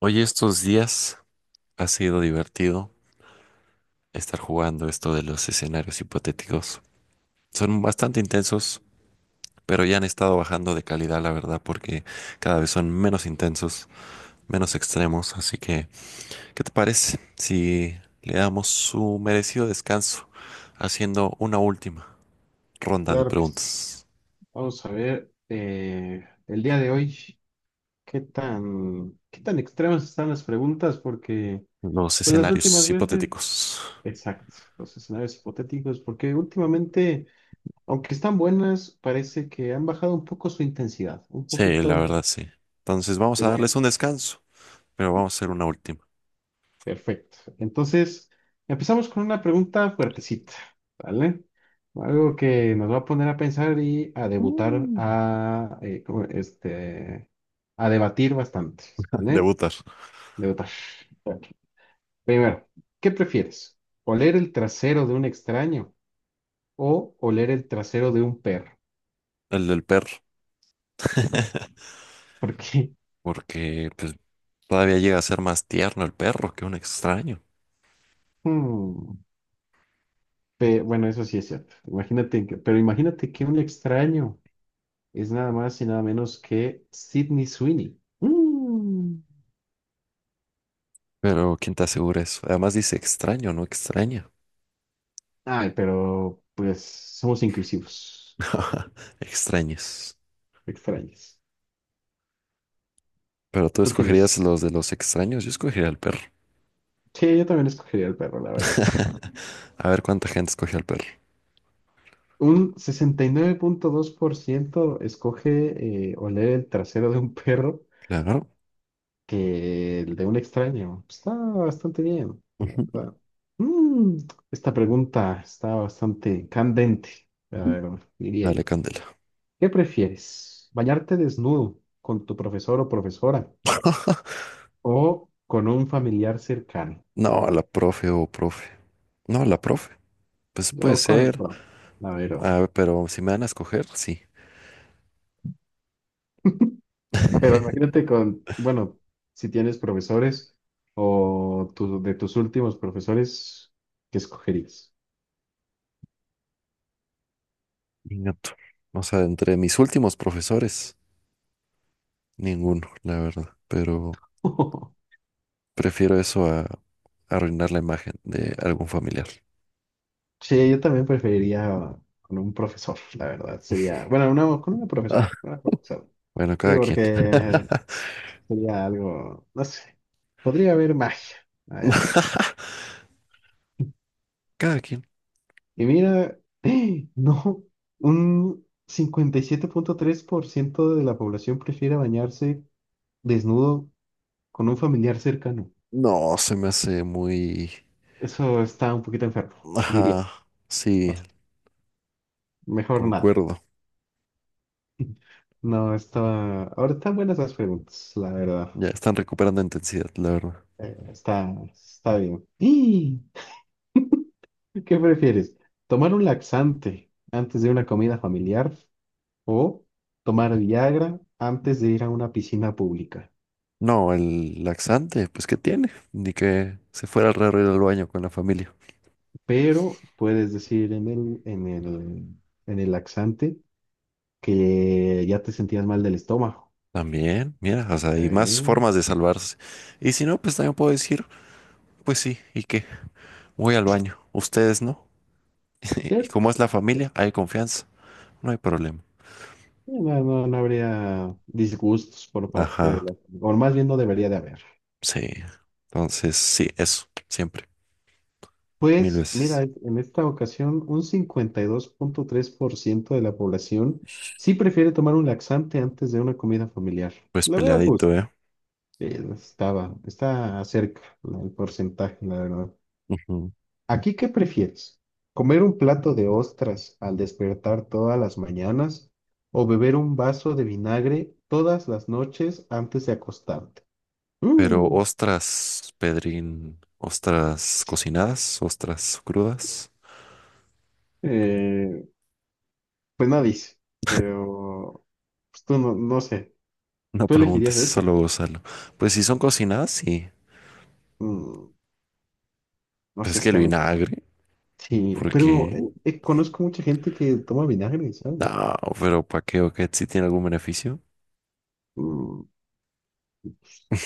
Oye, estos días ha sido divertido estar jugando esto de los escenarios hipotéticos. Son bastante intensos, pero ya han estado bajando de calidad, la verdad, porque cada vez son menos intensos, menos extremos. Así que, ¿qué te parece si le damos su merecido descanso haciendo una última ronda de Claro que sí. preguntas? Vamos a ver el día de hoy qué tan extremas están las preguntas, porque Los pues las escenarios últimas veces, hipotéticos. exacto, los escenarios hipotéticos, porque últimamente, aunque están buenas, parece que han bajado un poco su intensidad, un Sí, la poquito de, verdad, sí. Entonces vamos de a darles un descanso, pero vamos a hacer una última. Perfecto. Entonces, empezamos con una pregunta fuertecita, ¿vale? Algo que nos va a poner a pensar y a debutar, Mm. a, ¿cómo? Este, a debatir bastante, ¿vale? Debutar. Debutar. Ok. Primero, ¿qué prefieres? ¿Oler el trasero de un extraño o oler el trasero de un perro? El del perro, Porque, porque todavía llega a ser más tierno el perro que un extraño. hmm, bueno, eso sí es cierto. Imagínate que, pero imagínate que un extraño es nada más y nada menos que Sydney Sweeney. Mm. Pero ¿quién te asegura eso? Además dice extraño, no extraña. Ay, pero pues somos inclusivos, Extraños. extraños. Pero tú ¿Tú qué escogerías dices? los de los extraños, yo escogería el perro. Sí, yo también escogería el perro, la verdad. A ver cuánta gente escoge al perro. Un 69.2% escoge oler el trasero de un perro Claro. que el de un extraño. Está bastante bien, la Ujú. verdad. Mm, Esta pregunta está bastante candente, la verdad, diría Dale, yo. Candela. ¿Qué prefieres? ¿Bañarte desnudo con tu profesor o profesora o con un familiar cercano? No, a la profe o profe. No, a la profe. Pues puede Yo con la ser. pro-, la verdad. A ver, pero si me van a escoger, sí. Pero imagínate con, bueno, si tienes profesores o de tus últimos profesores, ¿qué escogerías? Ingato. O sea, entre mis últimos profesores. Ninguno, la verdad. Pero prefiero eso a arruinar la imagen de algún familiar. Sí, yo también preferiría con un profesor, la verdad. Sería, bueno, una con una Ah, profesora, una profesora. bueno, Sí, cada quien. porque sería algo, no sé, podría haber magia allá. Cada quien. Y mira, no, un 57.3% de la población prefiere bañarse desnudo con un familiar cercano. No, se me hace muy... Eso está un poquito enfermo, diría. Ajá, sí, Mejor nada. concuerdo. No, está... Ahora están buenas las preguntas, la verdad. Ya están recuperando intensidad, la verdad. Está bien. ¡Y! ¿Qué prefieres? ¿Tomar un laxante antes de una comida familiar o tomar Viagra antes de ir a una piscina pública? No, el laxante, pues ¿qué tiene? Ni que se fuera raro ir al baño con la familia. Pero puedes decir en el, en el laxante que ya te sentías mal del estómago. También, mira, o sea, hay más Eh, formas de salvarse. Y si no, pues también puedo decir, pues sí, ¿y qué? Voy al baño. ¿Ustedes no? ¿Y ¿Cierto? cómo es la familia? Hay confianza, no hay problema. No, no, no habría disgustos por parte de Ajá, la... O más bien no debería de haber. sí. Entonces, sí, eso, siempre, mil Pues veces. mira, en esta ocasión un 52.3% de la población sí prefiere tomar un laxante antes de una comida familiar. Pues Lo veo peleadito, justo. ¿eh? Está cerca el porcentaje, la verdad. Ujú. ¿Aquí qué prefieres? ¿Comer un plato de ostras al despertar todas las mañanas o beber un vaso de vinagre todas las noches antes de acostarte? Pero Mm, ostras, Pedrín, ostras cocinadas, ostras crudas. eh, pues no dice, pero pues tú no, no sé, No ¿tú preguntes, elegirías eso? solo gózalo. Pues si son cocinadas, sí. Mm, no Pues sé, es que es el que a mí vinagre, sí, pero porque conozco mucha gente que toma vinagre, ¿sabes? no, pero ¿para qué o qué? ¿Si tiene algún beneficio? Mm,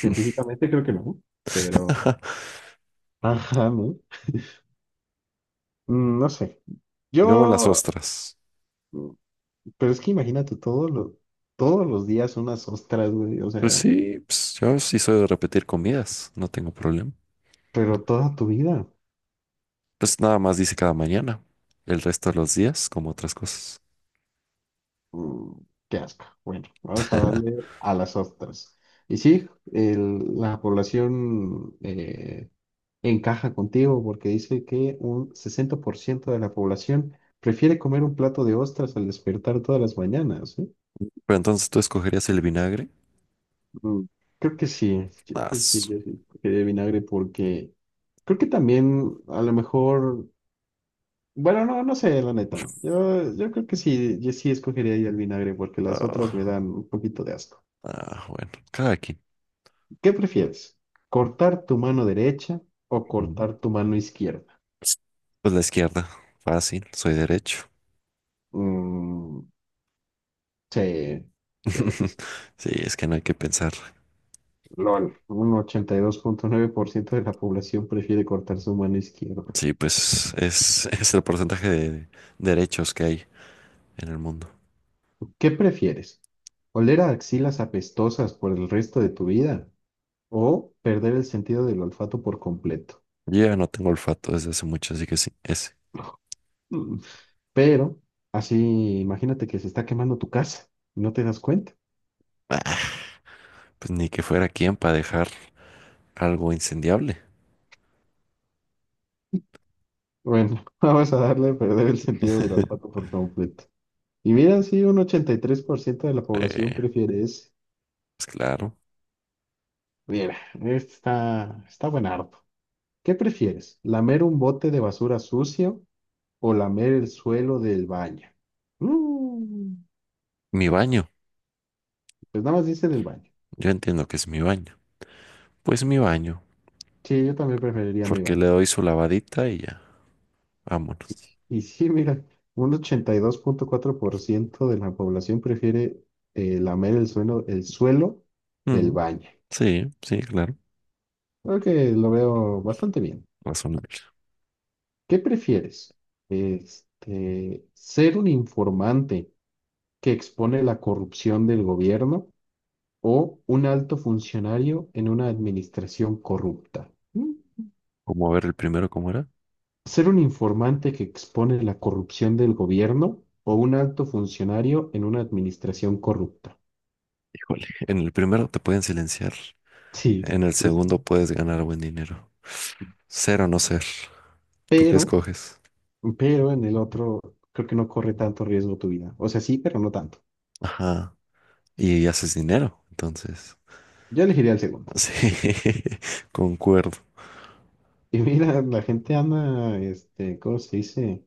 científicamente creo que no, pero... Ajá, ¿no? Mm, no sé. Yo Luego las ostras. Pero es que imagínate todo todos los días unas ostras, güey, o Pues sea, sí, pues, yo sí soy de repetir comidas, no tengo problema. pero toda tu vida. Pues nada más dice cada mañana, el resto de los días, como otras cosas. Mm, qué asco. Bueno, vamos a darle a las ostras. Y sí, la población encaja contigo porque dice que un 60% de la población prefiere comer un plato de ostras al despertar todas las mañanas, ¿eh? Pero entonces tú escogerías el vinagre. Mm, Creo que sí, yo Ah, creo que su- yo sí, que de vinagre porque creo que también a lo mejor, bueno, no, no sé, la neta, no. Yo creo que sí, yo sí escogería ahí el vinagre porque las otras me ah, dan un poquito de asco. ah, bueno, cada quien. ¿Qué prefieres? ¿Cortar tu mano derecha o Mm. cortar tu mano izquierda? Pues la izquierda, fácil, soy derecho. Mm, sí, sí, sí, sí. Sí, es que no hay que pensar. LOL, un 82.9% de la población prefiere cortar su mano izquierda. Sí, pues es el porcentaje de derechos que hay en el mundo. ¿Qué prefieres? ¿Oler a axilas apestosas por el resto de tu vida o perder el sentido del olfato por completo? Yo ya no tengo olfato desde hace mucho, así que sí, ese. Pero así, imagínate que se está quemando tu casa y no te das cuenta. Pues ni que fuera quien para dejar algo incendiable. Bueno, vamos a darle a perder el sentido del olfato por completo. Y mira, sí, un 83% de la población Eh, prefiere ese. pues claro, Mira, este está buen harto. ¿Qué prefieres? ¿Lamer un bote de basura sucio o lamer el suelo del baño? Mm, mi baño. pues nada más dice del baño. Yo entiendo que es mi baño. Pues mi baño, Sí, yo también preferiría mi porque le baño. doy su lavadita y ya, vámonos. Y sí, mira, un 82.4% de la población prefiere lamer el suelo del Mm, baño. sí, sí, claro, Creo que lo veo bastante bien. razonable. ¿Qué prefieres? Este, ¿ser un informante que expone la corrupción del gobierno o un alto funcionario en una administración corrupta? ¿Mm? ¿Cómo ver el primero cómo era? ¿Ser un informante que expone la corrupción del gobierno o un alto funcionario en una administración corrupta? Híjole, en el primero te pueden silenciar, Sí, en el pues, segundo puedes ganar buen dinero. Ser o no ser, ¿tú qué pero, escoges? pero en el otro creo que no corre tanto riesgo tu vida. O sea, sí, pero no tanto. Ajá, y haces dinero, entonces. Yo elegiría el segundo. Sí, concuerdo, Y mira, la gente anda, este, ¿cómo se dice?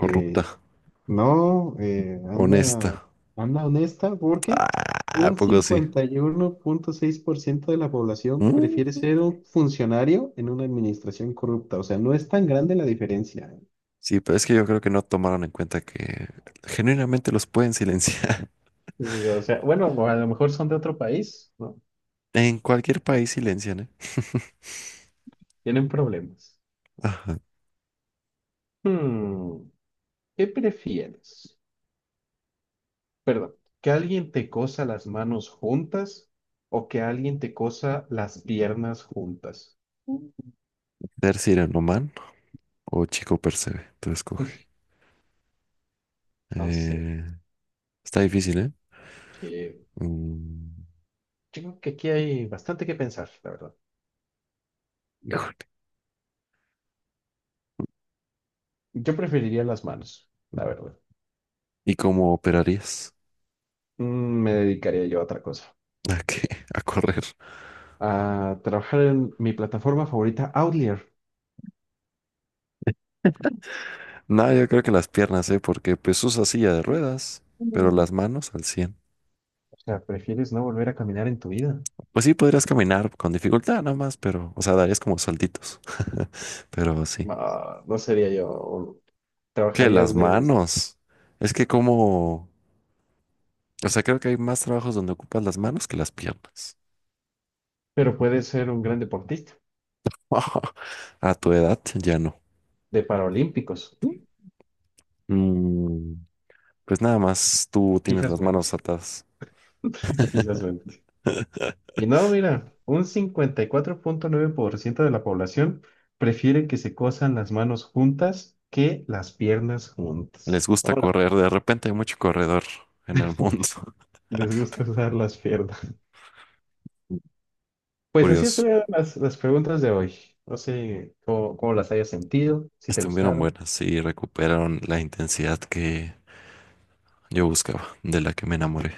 Eh, no, anda, honesta. anda honesta porque Ah, ¿a un poco sí? 51.6% de la población Mm. prefiere ser un funcionario en una administración corrupta. O sea, no es tan grande la diferencia. Sí, pero es que yo creo que no tomaron en cuenta que genuinamente los pueden silenciar. O sea, bueno, a lo mejor son de otro país, ¿no? En cualquier país silencian, ¿eh? Tienen problemas. Ajá. Hmm. ¿Qué prefieres? Perdón, ¿que alguien te cosa las manos juntas o que alguien te cosa las piernas juntas? Mm. Ser Sirenoman o Chico Percebe, tú escoge. No sé. Eh, está difícil, ¿eh? eh, Mm, yo creo que aquí hay bastante que pensar, la verdad. híjole. Yo preferiría las manos, la verdad. ¿Y cómo operarías? Mm, Me dedicaría yo a otra cosa. ¿A qué? ¿A correr? A trabajar en mi plataforma favorita, Outlier. No, yo creo que las piernas, ¿eh? Porque pues usa silla de ruedas, pero Mm. las manos al 100. O sea, ¿prefieres no volver a caminar en tu vida? Pues sí, podrías caminar con dificultad nada más, pero, o sea, darías como saltitos. Pero sí. No, no sería yo. Que las Trabajarías de... manos. Es que como, o sea, creo que hay más trabajos donde ocupas las manos que las piernas. Pero puedes ser un gran deportista. A tu edad ya no. De Paralímpicos. Mm, pues nada más tú tienes Quizás las mente, manos atadas. quizás mente. Y no, mira, un 54.9% de la población prefiere que se cosan las manos juntas que las piernas Les juntas. gusta Hola, correr. De repente hay mucho corredor en el mundo. les gusta usar las piernas. Pues así Curioso. estuvieron las preguntas de hoy. No sé cómo las hayas sentido, si te Estuvieron gustaron. buenas y recuperaron la intensidad que yo buscaba, de la que me enamoré.